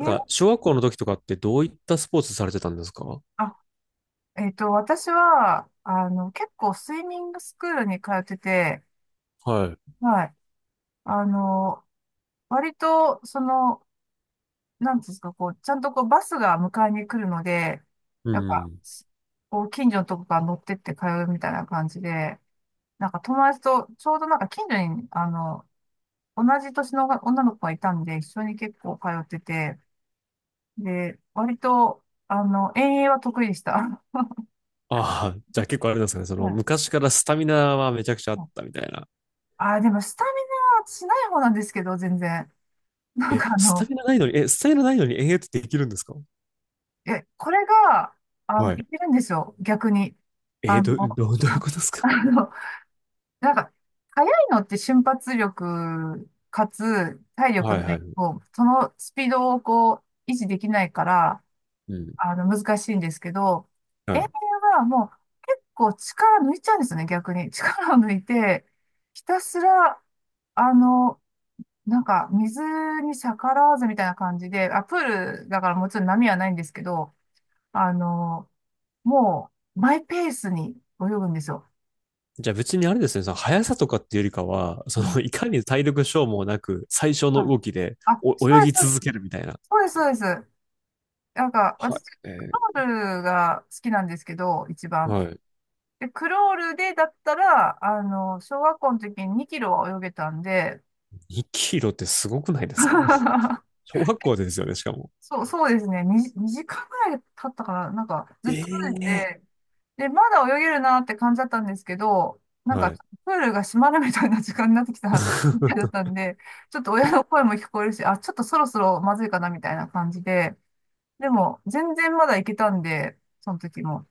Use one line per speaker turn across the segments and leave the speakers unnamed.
え、
小学校の時とかってどういったスポーツされてたんですか？
あ、私は、結構スイミングスクールに通ってて、
はい。
はい。あの、割と、なんていうんですか、こう、ちゃんとこう、バスが迎えに来るので、
う
なんか、
ん。
こう、近所のとこから乗ってって通うみたいな感じで、なんか友達と、ちょうどなんか近所に、同じ年の女の子がいたんで、一緒に結構通ってて、で、割と、遠泳は得意でした。
ああ、じゃあ結構あれなんですかね。
はい。
昔からスタミナはめちゃくちゃあったみたいな。
でもスタミナしない方なんですけど、全然。なん
え、
か
スタミナないのに、え、スタミナないのに延々とできるんですか？
これが、
は
い
い。
けるんですよ、逆に。あの、
どういう
あ
ことですか？
あの、なんか、速いのって瞬発力、かつ体
は
力
い
な
は
い
い。
と、そのスピードをこう、維持できないから、
うん。
難しいんですけど、
は
遠泳
い。
はもう結構力抜いちゃうんですよね、逆に。力を抜いて、ひたすら、あの、なんか、水に逆らわずみたいな感じで、あ、プールだからもちろん波はないんですけど、あの、もう、マイペースに泳ぐんですよ。
じゃあ別にあれですね、その速さとかっていうよりかは、
うん。
いかに体力消耗なく最小の
はい。
動きで
あ、そ
お泳
うです、
ぎ続けるみたいな。
そうです、そうです。そうです。なんか、
は
私、ク
い。え
ロールが好きなんですけど、一
ー
番。
はい。
で、クロールでだったら、小学校の時に2キロは泳げたんで、
2キロってすごくないですか？ 小学校でですよね、しかも。
そう、そうですね。2、時間ぐらい経ったかな。なんか、ずっと泳いで
ええ
て、で、まだ泳げるなって感じだったんですけど、なん
は
か、
い。
プールが閉まるみたいな時間になってきた みたい だっ たんで、ちょっと親の声も聞こえるし、あ、ちょっとそろそろまずいかなみたいな感じで、でも、全然まだ行けたんで、その時も。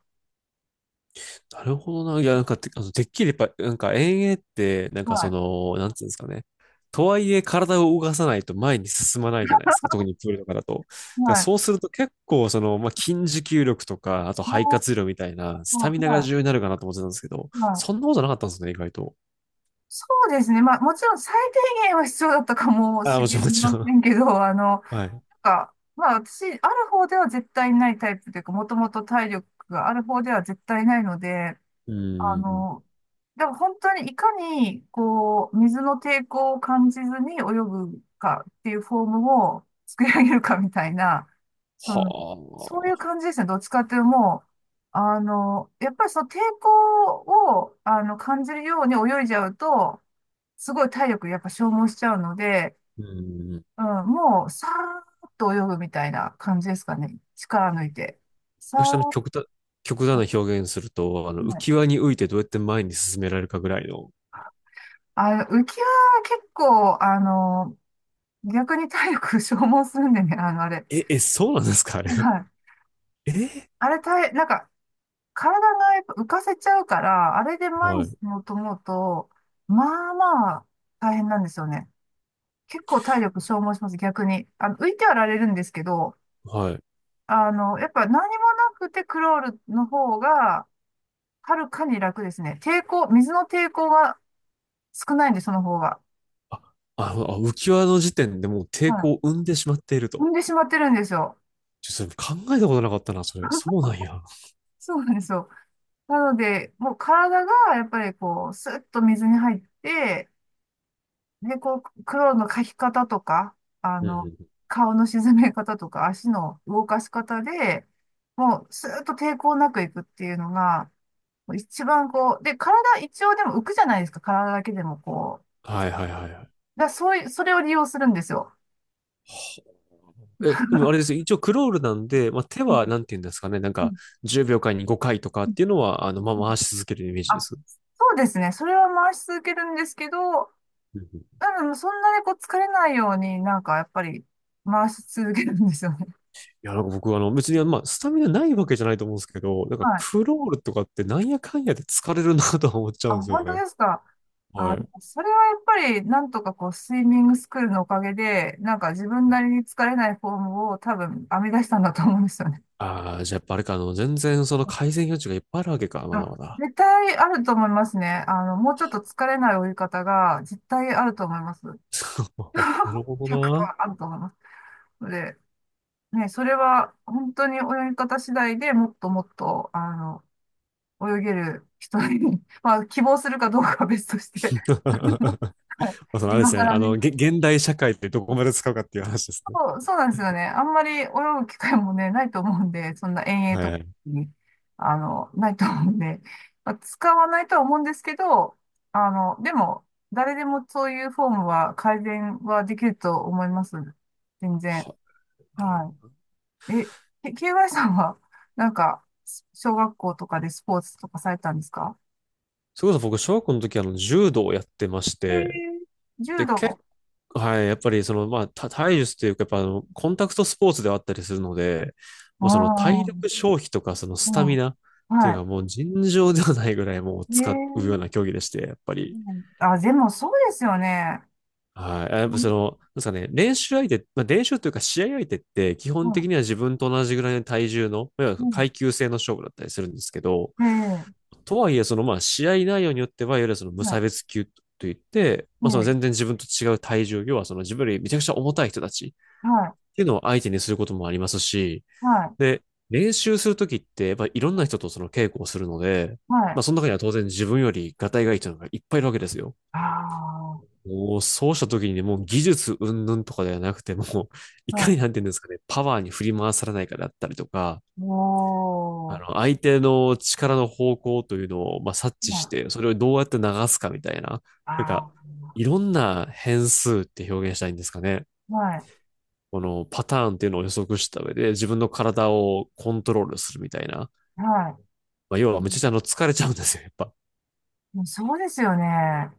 なるほどな。いや、なんかて、あの、てっきりやっぱ、なんか遠泳って、なんか
は
そ
い。
の、なんていうんですかね。とはいえ体を動かさないと前に進まないじゃないですか。特にプールとかだと。だから
はい。
そうすると結構まあ、筋持久力とか、あと
あ
肺
ー
活量みたいな、スタミナが
は
重要になるかなと思ってたんですけど、
い。は
そ
い。
んなことなかったんですね、意外と。
そうですね。まあ、もちろん最低限は必要だったかも
ああ、
し
もちろ
れ
ん、もち
ま
ろ
せ
ん。
んけど、
はい。
なんか、まあ、私、ある方では絶対ないタイプというか、もともと体力がある方では絶対ないので、
う
あ
ん。
の、でも本当にいかに、こう、水の抵抗を感じずに泳ぐかっていうフォームを作り上げるかみたいな、そ
は
の、そういう
あ。
感じですね。どっちかっていうともう、やっぱりその抵抗を、感じるように泳いじゃうと、すごい体力やっぱ消耗しちゃうので、
うん。
うん、もう、さーっと泳ぐみたいな感じですかね。力抜いて。さー
私、あの、
っ
極端、極
と。
端な表現すると、あの、
は
浮
い。
き輪に浮いてどうやって前に進められるかぐらいの、
浮きは結構、逆に体力消耗するんでね、あれ。
え、え、そうなんですか？あれ。
はい。
え
あれ、体、なんか、体がやっぱ浮かせちゃうから、あれで前
は
に進
い、
もうと思うと、まあまあ、大変なんですよね。結構体力消耗します、逆に。浮いてはられるんですけど、
はい。
やっぱ何もなくてクロールの方が、はるかに楽ですね。抵抗、水の抵抗が少ないんで、その方が。
あ、ああ浮き輪の時点でもう抵
は
抗を生んでしまっている
い。踏
と。
んでしまってるんですよ。
ちょっとそれ考えたことなかったな、それ。そうなんや。
そうなんですよ。なので、もう体がやっぱりこう、スッと水に入って、で、こう、黒の描き方とか、あ
うんう
の、
ん。
顔の沈め方とか、足の動かし方で、もう、スーッと抵抗なくいくっていうのが、もう一番こう、で、体一応でも浮くじゃないですか、体だけでもこう。
はいはいはいはい。
だからそういう、それを利用するんですよ。
え、でもあれですよ。一応クロールなんで、まあ、手
うん、
はなんて言うんですかね。
うん、
10秒間に5回とかっ
うん、
ていうのは、ま
うん。
あ、回し続けるイメージ
あ、
です。
そうですね。それは回し続けるんですけど、
うんうん。
多分そんなにこう疲れないようになんかやっぱり回し続けるんですよ。
いや、なんか僕、あの、別に、まあ、スタミナないわけじゃないと思うんですけど、なんか、
はい。
クロールとかってなんやかんやで疲れるなとは思っちゃ
あ、
うんですよ
本当
ね。
ですか。
は
あ、
い。
それはやっぱり、なんとかこう、スイミングスクールのおかげで、なんか自分なりに疲れないフォームを多分編み出したんだと思うんですよね。
ああ、じゃあやっぱあれか、あの、全然その改善余地がいっぱいあるわけか、まだ
あ、
まだ。
絶対あると思いますね。もうちょっと疲れない泳ぎ方が絶対あると思います。
なる ほどな。
100%あると思います。ので、ね、それは本当に泳ぎ方次第でもっともっと、泳げる人に まあ、希望するかどうかは別として。
ま
はい。
あ、そのあれで
今
すね、
更
あ
ね。
の、げ、現代社会ってどこまで使うかっていう話ですね。
そう、そうなんですよね。あんまり泳ぐ機会もね、ないと思うんで、そんな遠泳
は
と
い
か
はい。
に、ないと思うんで、まあ、使わないとは思うんですけど、でも、誰でもそういうフォームは改善はできると思います。全然。
は、なるほ
は
ど。
い。KY さんは、なんか、小学校とかでスポーツとかされたんですか？
それこそ僕、小学校の時、あの、柔道をやってまし
え
て、
ー、柔
で、結
道。
構、はい、やっぱり体術というか、やっぱあの、コンタクトスポーツではあったりするので、
あ
まあ、その体
あ、
力消費とか、そのス
う
タミ
ん。
ナっていうか、
は
もう尋常ではないぐらいもう
い。
使うよ
え
うな競技でして、やっぱり。
ー、あ、でもそうですよね。
はい。やっぱその、なんですかね、練習相手、まあ、練習というか試合相手って基本
は
的には自分と同じぐらいの体重の、いわゆ
い。
る
うん。
階級制の勝負だったりするんですけど、
ええ、
とはいえそのまあ試合内容によっては、いわゆるその無差
は
別級といって、
い。
まあその
え
全然自分と違う体重、要はその自分よりめちゃくちゃ重たい人たちっ
え、はい。
ていうのを相手にすることもありますし、
はい。
で、練習するときって、やっぱいろんな人とその稽古をするので、
は
ま
い。
あその中には当然自分よりガタイがいい人がいっぱいいるわけですよ。
あ
もうそうした時にね、もう技術云々とかではなくて、もう い
あ、は
かになん
い。
ていうんですかね、パワーに振り回されないかだったりとか、あ
おー。
の、相手の力の方向というのを、まあ、察知
は
し
い。
て、それをどうやって流すかみたいな、なん
あ
か、いろんな変数って表現したいんですかね。
あ、はい。
このパターンっていうのを予測した上で、自分の体をコントロールするみたいな。
はい。
まあ、要はめちゃくちゃあの疲れちゃうんですよ、やっぱ。
うん。そうですよね。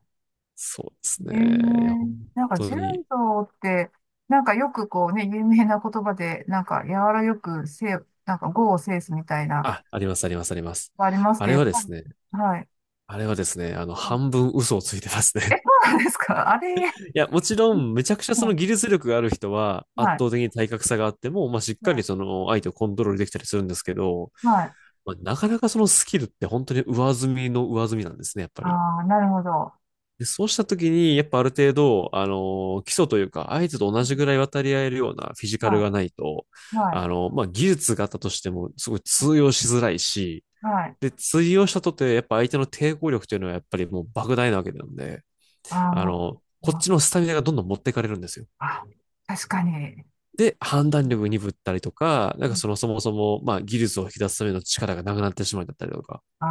そうですね。
ええ、
いや、本
なんか柔
当に。
道って、なんかよくこうね、有名な言葉で、なんか柔らよくせい、なんか語を制すみたいな、
あ、あります、あります、あります。
あります
あ
けど、
れ
やっ
はで
ぱり、
すね、
はい。
あれはですね、あの、
はい。
半分嘘をついてます
え、
ね。
そうなんですかあ
い
れ、はい。
や、もちろん、めちゃくちゃその技術力がある人は、圧
はい。
倒的に体格差があっても、まあ、しっ
は
かり
い。
その、相手をコントロールできたりするんですけど、
はい。
まあ、なかなかそのスキルって本当に上積みの上積みなんですね、やっぱり。
ああ、なるほど。
で、そうした時に、やっぱある程度、あの、基礎というか、相手と同
う
じ
ん。
ぐらい渡り合えるようなフィジカル
は
がないと、
い、はい、
あの、まあ、技術があったとしても、すごい通用しづらいし、
はい。
で、通用したとて、やっぱ相手の抵抗力というのはやっぱりもう莫大なわけなんで、
あ
あの、
ー、
こっ
あ、
ちのスタミナがどんどん持ってかれるんですよ。
あ確かに。
で、判断力鈍ったりとか、
う
なんか
ん。
そのそもそも、まあ技術を引き出すための力がなくなってしまうんだったりとか、
あ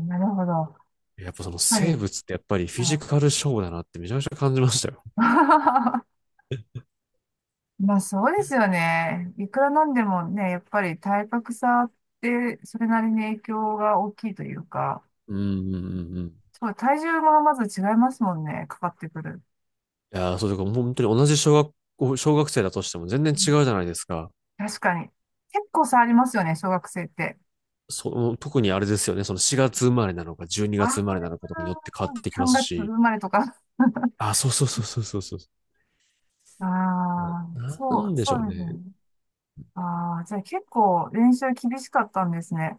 あ、なるほど。やっ
やっぱその
ぱ
生
り、
物ってやっぱりフ
あ
ィジ
の
カル勝負だなってめちゃめちゃ感じましたよ。
まあそうですよね。いくらなんでもね、やっぱり体格差ってそれなりに影響が大きいというか、
うんうんうんうん。い
そう、体重もまず違いますもんね、かかってくる。
やー、そうだかもう本当に同じ小学校、小学生だとしても全然
う
違
ん。
うじゃないですか。
確かに。結構差ありますよね、小学生って。
その、特にあれですよね、その4月生まれなのか12
あ
月生まれ
あ、
なのかとかによって変わってきま
3
す
月生
し、
まれとか。
あ、そうそうそうそうそうそ
ああ、
う。な
そ
ん
う、
でしょ
そ
う
うです
ね。
ね。ああ、じゃあ結構練習厳しかったんですね。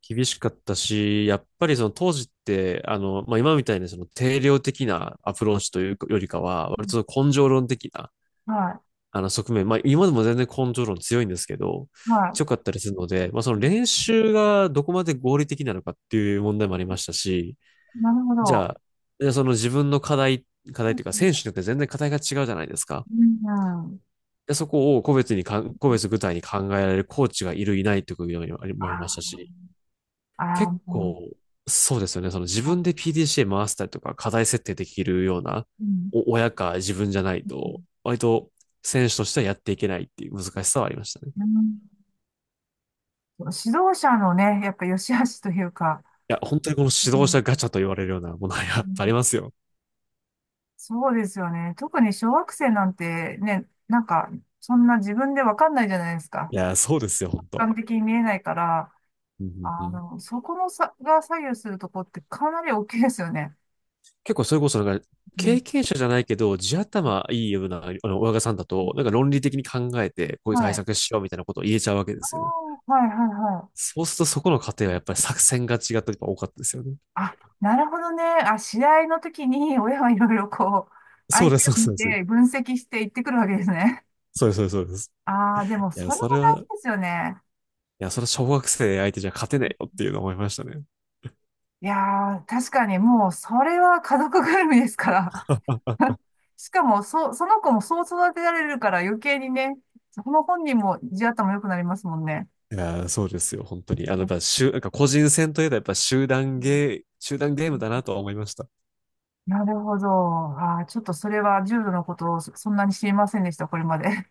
厳しかったし、やっぱりその当時って、あの、まあ、今みたいにその定量的なアプローチというよりかは、
う
割
ん。
とその根性論的な、
は
あの側面、まあ、今でも全然根性論強いんですけど、
い、は
強かったりするので、まあ、その練習がどこまで合理的なのかっていう問題もありましたし、
い。なるほ
じ
ど。
ゃあ、じゃあその自分の課題、課題というか
う
選手によって全然課題が違うじゃないですか。
ん、うん。
で、そこを個別に個別具体に考えられるコーチがいる、いないということもありました
あ
し、
あ、あ
結
ーも
構、そうですよね。その自分で
う、
PDCA 回したりとか、課題設定できるような、
うん、
お親か自分じゃないと、割と選手としてはやっていけないっていう難しさはありましたね。
う
い
ん。指導者のね、やっぱ良し悪しというか、
や、本当にこの
う
指導
ん、
者ガチャと言われるようなものは
う
やっぱあり
ん。
ますよ。
そうですよね。特に小学生なんてね、なんか、そんな自分でわかんないじゃないですか。
いや、そうですよ、
俯
本当。
瞰的に見えないから、
うんうんうん。
そこの差が左右するとこってかなり大きいですよね。
結構それこそ
うん、
経験者じゃないけど、地頭いいような、あの、親御さんだと、なんか論理的に考えて、こういう
は
対
い。
策しようみたいなことを言えちゃうわけで
あ
すよ。
あ、はい、はい、は
そうするとそこの過程
い。
はやっぱり作戦が違ったりとか多かったですよね。
あ、なるほどね。あ、試合の時に親はいろいろこう、
そ
相
うで
手を
す、そ
見
うです。
て分析して行ってくるわけですね。
そうです、そうです、そうです。
ああ、でもそれも大事
い
ですよね。
や、それは小学生相手じゃ勝てないよっていうのを思いましたね。
いやー、確かにもうそれは家族ぐるみですから。
あ
しかも、その子もそう育てられるから余計にね、その本人も地頭良くなりますもんね。
いや、そうですよ、本当に。あの、やっ
う
ぱ、集なんか個人戦といえばやっぱ
ん。
集団ゲームだなとは思いました。
なるほど。ああ、ちょっとそれは重度のことをそんなに知りませんでした、これまで。